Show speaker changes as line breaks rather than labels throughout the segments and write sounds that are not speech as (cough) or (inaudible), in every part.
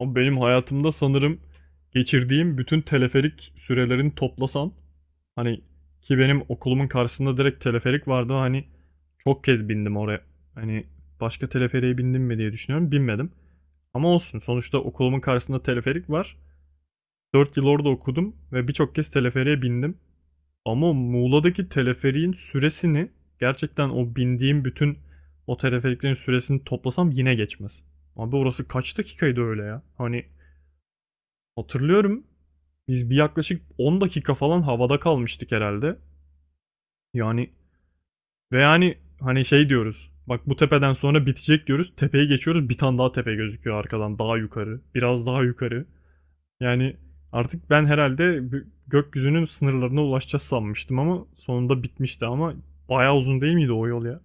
Ama benim hayatımda sanırım geçirdiğim bütün teleferik sürelerini toplasan, hani ki benim okulumun karşısında direkt teleferik vardı. Çok kez bindim oraya. Hani başka teleferiğe bindim mi diye düşünüyorum. Binmedim. Ama olsun, sonuçta okulumun karşısında teleferik var. 4 yıl orada okudum ve birçok kez teleferiğe bindim. Ama Muğla'daki teleferiğin süresini, gerçekten o bindiğim bütün o teleferiklerin süresini toplasam yine geçmez. Abi orası kaç dakikaydı öyle ya? Hani hatırlıyorum. Biz bir yaklaşık 10 dakika falan havada kalmıştık herhalde. Yani, ve yani hani şey diyoruz. Bak, bu tepeden sonra bitecek diyoruz. Tepeye geçiyoruz. Bir tane daha tepe gözüküyor arkadan. Daha yukarı. Biraz daha yukarı. Yani artık ben herhalde gökyüzünün sınırlarına ulaşacağız sanmıştım, ama sonunda bitmişti. Ama bayağı uzun değil miydi o yol ya?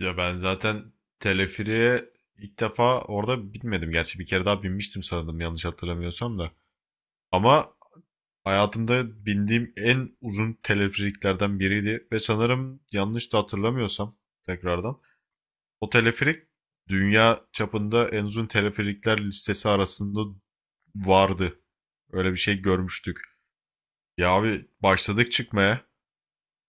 Ya ben zaten teleferiğe ilk defa orada binmedim. Gerçi bir kere daha binmiştim sanırım yanlış hatırlamıyorsam da. Ama hayatımda bindiğim en uzun teleferiklerden biriydi. Ve sanırım yanlış da hatırlamıyorsam tekrardan. O teleferik dünya çapında en uzun teleferikler listesi arasında vardı. Öyle bir şey görmüştük. Ya abi başladık çıkmaya.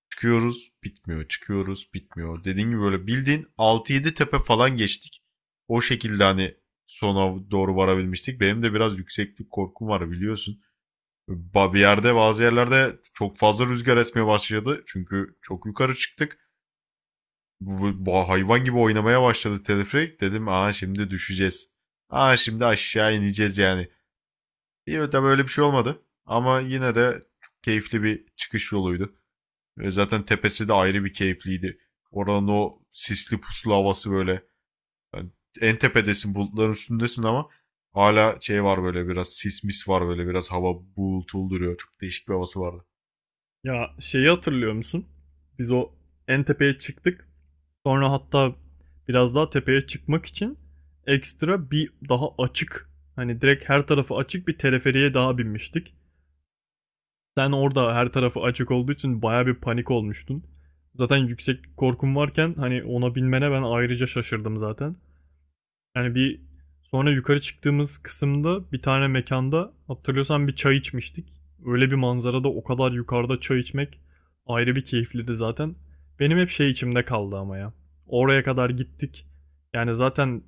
Çıkıyoruz, bitmiyor, çıkıyoruz, bitmiyor. Dediğim gibi böyle bildiğin altı yedi tepe falan geçtik. O şekilde hani sona doğru varabilmiştik. Benim de biraz yükseklik korkum var biliyorsun. Ba- Bir yerde Bazı yerlerde çok fazla rüzgar esmeye başladı. Çünkü çok yukarı çıktık. Hayvan gibi oynamaya başladı teleferik. Dedim aa şimdi düşeceğiz. Aa şimdi aşağı ineceğiz yani. İyi tabii öyle bir şey olmadı. Ama yine de çok keyifli bir çıkış yoluydu. Ve zaten tepesi de ayrı bir keyifliydi. Oranın o sisli puslu havası böyle. Yani en tepedesin, bulutların üstündesin, ama hala şey var böyle, biraz sis mis var, böyle biraz hava bulutulu duruyor. Çok değişik bir havası vardı.
Ya, şeyi hatırlıyor musun? Biz o en tepeye çıktık. Sonra hatta biraz daha tepeye çıkmak için ekstra bir daha açık, hani direkt her tarafı açık bir teleferiye daha binmiştik. Sen orada her tarafı açık olduğu için baya bir panik olmuştun. Zaten yüksek korkum varken hani ona binmene ben ayrıca şaşırdım zaten. Yani bir sonra yukarı çıktığımız kısımda bir tane mekanda, hatırlıyorsan, bir çay içmiştik. Öyle bir manzarada, o kadar yukarıda çay içmek ayrı bir keyifliydi zaten. Benim hep şey içimde kaldı ama ya. Oraya kadar gittik. Yani zaten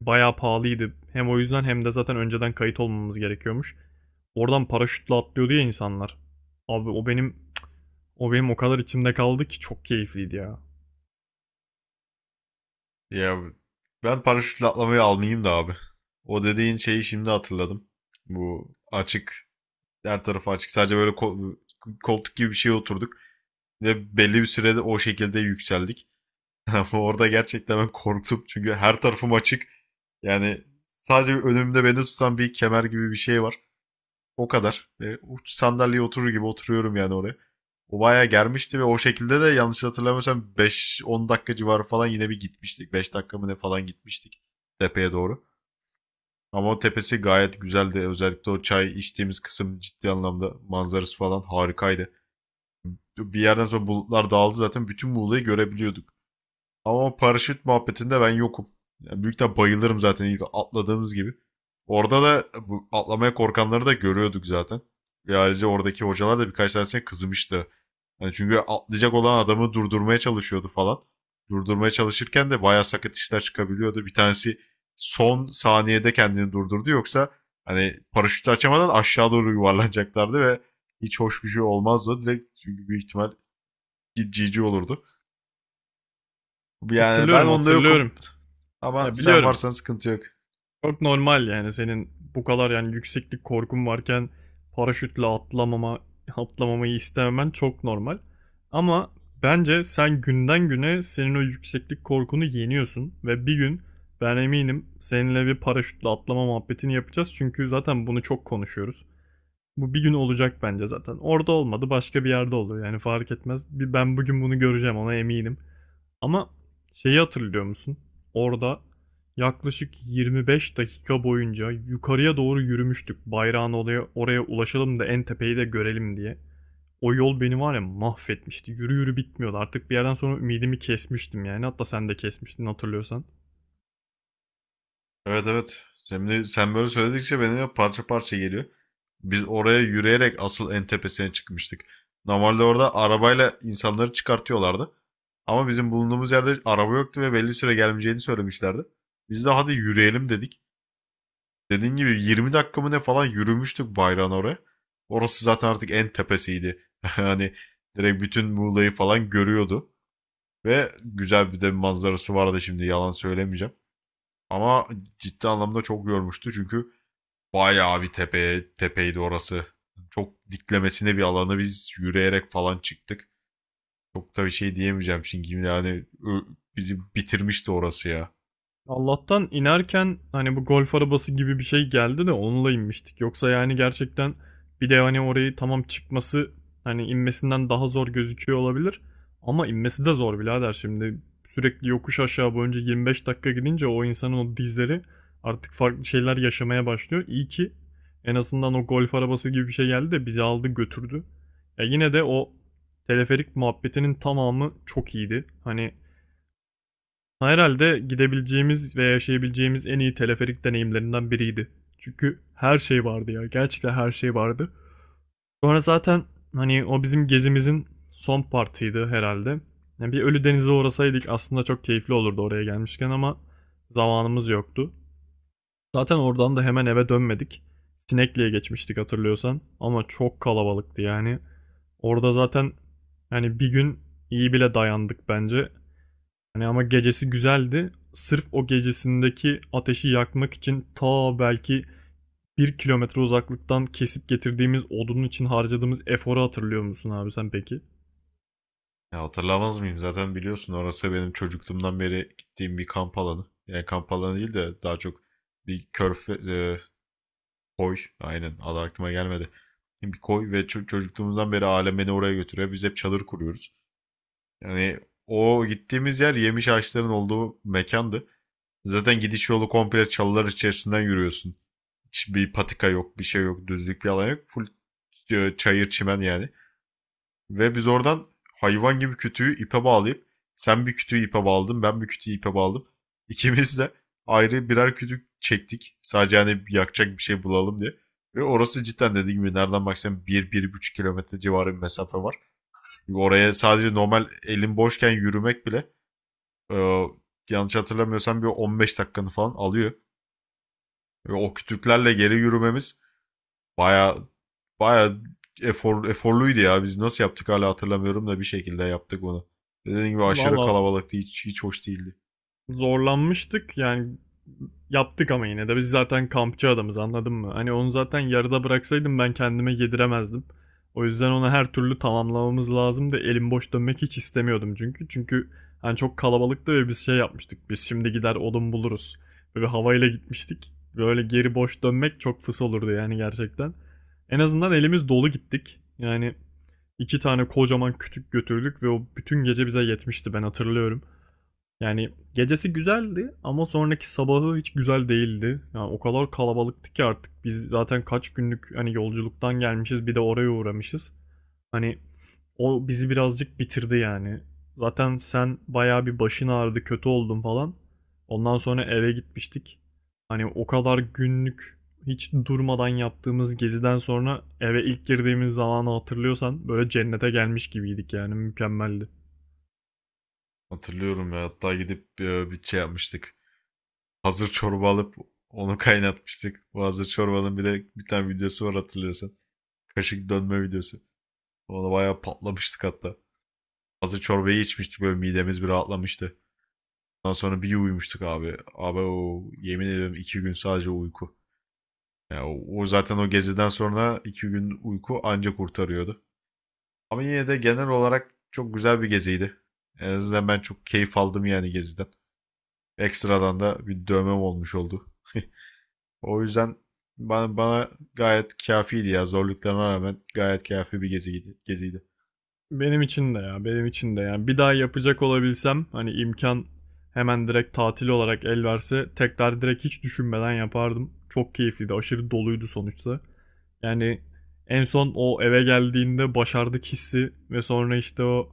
bayağı pahalıydı. Hem o yüzden hem de zaten önceden kayıt olmamız gerekiyormuş. Oradan paraşütle atlıyordu ya insanlar. Abi o benim, o kadar içimde kaldı ki çok keyifliydi ya.
Ya ben paraşütle atlamayı almayayım da abi. O dediğin şeyi şimdi hatırladım. Bu açık, her tarafı açık, sadece böyle koltuk gibi bir şeye oturduk. Ve belli bir sürede o şekilde yükseldik. (laughs) Ama orada gerçekten ben korktum çünkü her tarafım açık. Yani sadece önümde beni tutan bir kemer gibi bir şey var. O kadar. Ve uç sandalyeye oturur gibi oturuyorum yani oraya. O bayağı germişti ve o şekilde de yanlış hatırlamıyorsam 5-10 dakika civarı falan yine bir gitmiştik. 5 dakika mı ne falan gitmiştik tepeye doğru. Ama o tepesi gayet güzeldi. Özellikle o çay içtiğimiz kısım ciddi anlamda manzarası falan harikaydı. Bir yerden sonra bulutlar dağıldı, zaten bütün Muğla'yı görebiliyorduk. Ama paraşüt muhabbetinde ben yokum. Yani büyükten bayılırım zaten ilk atladığımız gibi. Orada da bu atlamaya korkanları da görüyorduk zaten. Ve ayrıca oradaki hocalar da birkaç tanesine kızmıştı. Yani çünkü atlayacak olan adamı durdurmaya çalışıyordu falan. Durdurmaya çalışırken de bayağı sakat işler çıkabiliyordu. Bir tanesi son saniyede kendini durdurdu. Yoksa hani paraşütü açamadan aşağı doğru yuvarlanacaklardı ve hiç hoş bir şey olmazdı. Direkt çünkü büyük ihtimal GG olurdu. Yani ben
Hatırlıyorum,
onda
hatırlıyorum.
yokum. Ama
Ya
sen
biliyorum,
varsan sıkıntı yok.
çok normal yani senin bu kadar, yani, yükseklik korkun varken paraşütle atlamama atlamamayı istememen çok normal. Ama bence sen günden güne senin o yükseklik korkunu yeniyorsun ve bir gün, ben eminim, seninle bir paraşütle atlama muhabbetini yapacağız çünkü zaten bunu çok konuşuyoruz. Bu bir gün olacak bence zaten. Orada olmadı, başka bir yerde olur, yani fark etmez. Bir ben bugün bunu göreceğim, ona eminim. Ama şeyi hatırlıyor musun? Orada yaklaşık 25 dakika boyunca yukarıya doğru yürümüştük. Bayrağın oraya, oraya ulaşalım da en tepeyi de görelim diye. O yol beni var ya mahvetmişti. Yürü yürü bitmiyordu. Artık bir yerden sonra ümidimi kesmiştim yani. Hatta sen de kesmiştin, hatırlıyorsan.
Evet evet. Şimdi sen böyle söyledikçe benim parça parça geliyor. Biz oraya yürüyerek asıl en tepesine çıkmıştık. Normalde orada arabayla insanları çıkartıyorlardı. Ama bizim bulunduğumuz yerde araba yoktu ve belli süre gelmeyeceğini söylemişlerdi. Biz de hadi yürüyelim dedik. Dediğin gibi 20 dakika mı ne falan yürümüştük bayrağın oraya. Orası zaten artık en tepesiydi. (laughs) Hani direkt bütün Muğla'yı falan görüyordu. Ve güzel bir de bir manzarası vardı, şimdi yalan söylemeyeceğim. Ama ciddi anlamda çok yormuştu çünkü bayağı bir tepe, tepeydi orası. Çok diklemesine bir alanı biz yürüyerek falan çıktık. Çok da bir şey diyemeyeceğim çünkü yani bizi bitirmişti orası ya.
Allah'tan inerken hani bu golf arabası gibi bir şey geldi de onunla inmiştik. Yoksa yani gerçekten, bir de hani orayı, tamam, çıkması hani inmesinden daha zor gözüküyor olabilir. Ama inmesi de zor birader şimdi. Sürekli yokuş aşağı boyunca 25 dakika gidince o insanın o dizleri artık farklı şeyler yaşamaya başlıyor. İyi ki en azından o golf arabası gibi bir şey geldi de bizi aldı götürdü. Ya yine de o teleferik muhabbetinin tamamı çok iyiydi. Hani herhalde gidebileceğimiz ve yaşayabileceğimiz en iyi teleferik deneyimlerinden biriydi. Çünkü her şey vardı ya. Gerçekten her şey vardı. Sonra zaten hani o bizim gezimizin son partiydi herhalde. Yani bir Ölüdeniz'e uğrasaydık aslında çok keyifli olurdu oraya gelmişken, ama zamanımız yoktu. Zaten oradan da hemen eve dönmedik. Sinekli'ye geçmiştik hatırlıyorsan, ama çok kalabalıktı yani. Orada zaten, yani, bir gün iyi bile dayandık bence. Yani ama gecesi güzeldi. Sırf o gecesindeki ateşi yakmak için ta belki 1 kilometre uzaklıktan kesip getirdiğimiz odunun için harcadığımız eforu hatırlıyor musun abi sen peki?
Ya hatırlamaz mıyım? Zaten biliyorsun, orası benim çocukluğumdan beri gittiğim bir kamp alanı. Yani kamp alanı değil de daha çok bir koy. Aynen. Adı aklıma gelmedi. Bir koy ve çocukluğumuzdan beri alem beni oraya götürüyor. Biz hep çadır kuruyoruz. Yani o gittiğimiz yer yemiş ağaçların olduğu mekandı. Zaten gidiş yolu komple çalılar içerisinden yürüyorsun. Hiçbir patika yok, bir şey yok, düzlük bir alan yok. Full çayır çimen yani. Ve biz oradan hayvan gibi kütüğü ipe bağlayıp, sen bir kütüğü ipe bağladın, ben bir kütüğü ipe bağladım. (laughs) İkimiz de ayrı birer kütük çektik. Sadece hani yakacak bir şey bulalım diye. Ve orası cidden, dediğim gibi, nereden baksan 1-1,5 kilometre civarı bir mesafe var. Oraya sadece normal elin boşken yürümek bile e, yanlış hatırlamıyorsam bir 15 dakikanı falan alıyor. Ve o kütüklerle geri yürümemiz baya baya eforluydu ya. Biz nasıl yaptık hala hatırlamıyorum da bir şekilde yaptık onu. Dediğim gibi aşırı
Valla
kalabalıktı. Hiç hoş değildi.
zorlanmıştık yani, yaptık, ama yine de biz zaten kampçı adamız, anladın mı? Hani onu zaten yarıda bıraksaydım ben kendime yediremezdim. O yüzden ona her türlü tamamlamamız lazımdı. Elim boş dönmek hiç istemiyordum çünkü. Çünkü hani çok kalabalıktı ve biz şey yapmıştık. Biz şimdi gider odun buluruz. Böyle havayla gitmiştik. Böyle geri boş dönmek çok fıs olurdu yani gerçekten. En azından elimiz dolu gittik. Yani iki tane kocaman kütük götürdük ve o bütün gece bize yetmişti, ben hatırlıyorum. Yani gecesi güzeldi ama sonraki sabahı hiç güzel değildi. Yani o kadar kalabalıktı ki, artık biz zaten kaç günlük hani yolculuktan gelmişiz, bir de oraya uğramışız. Hani o bizi birazcık bitirdi yani. Zaten sen bayağı bir başın ağrıdı, kötü oldun falan. Ondan sonra eve gitmiştik. Hani o kadar günlük hiç durmadan yaptığımız geziden sonra eve ilk girdiğimiz zamanı hatırlıyorsan, böyle cennete gelmiş gibiydik yani, mükemmeldi.
Hatırlıyorum ya. Hatta gidip bir şey yapmıştık. Hazır çorba alıp onu (laughs) kaynatmıştık. Bu hazır çorbanın bir de bir tane videosu var, hatırlıyorsan. Kaşık dönme videosu. Ona bayağı patlamıştık hatta. Hazır çorbayı içmiştik, böyle midemiz bir rahatlamıştı. Ondan sonra bir uyumuştuk abi. Abi o yemin ederim 2 gün sadece uyku. Ya o zaten o geziden sonra 2 gün uyku anca kurtarıyordu. Ama yine de genel olarak çok güzel bir geziydi. En azından ben çok keyif aldım yani geziden. Ekstradan da bir dövmem olmuş oldu. (laughs) O yüzden bana gayet kâfiydi ya. Zorluklarına rağmen gayet kâfi bir geziydi.
Benim için de ya, benim için de yani, bir daha yapacak olabilsem, hani imkan hemen direkt tatil olarak el verse, tekrar direkt hiç düşünmeden yapardım. Çok keyifliydi, aşırı doluydu sonuçta. Yani en son o eve geldiğinde başardık hissi, ve sonra işte o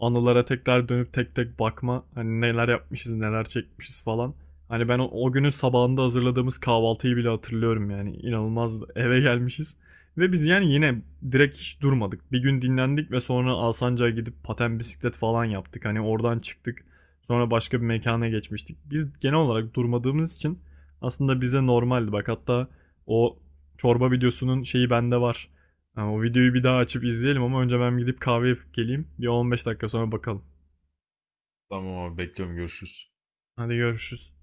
anılara tekrar dönüp tek tek bakma, hani neler yapmışız neler çekmişiz falan. Hani ben o, günün sabahında hazırladığımız kahvaltıyı bile hatırlıyorum yani, inanılmaz eve gelmişiz. Ve biz yani yine direkt hiç durmadık. Bir gün dinlendik ve sonra Alsancak'a gidip paten, bisiklet falan yaptık. Hani oradan çıktık. Sonra başka bir mekana geçmiştik. Biz genel olarak durmadığımız için aslında bize normaldi. Bak hatta o çorba videosunun şeyi bende var. Yani o videoyu bir daha açıp izleyelim ama önce ben gidip kahve yapıp geleyim. Bir 15 dakika sonra bakalım.
Tamam abi, bekliyorum, görüşürüz.
Hadi görüşürüz.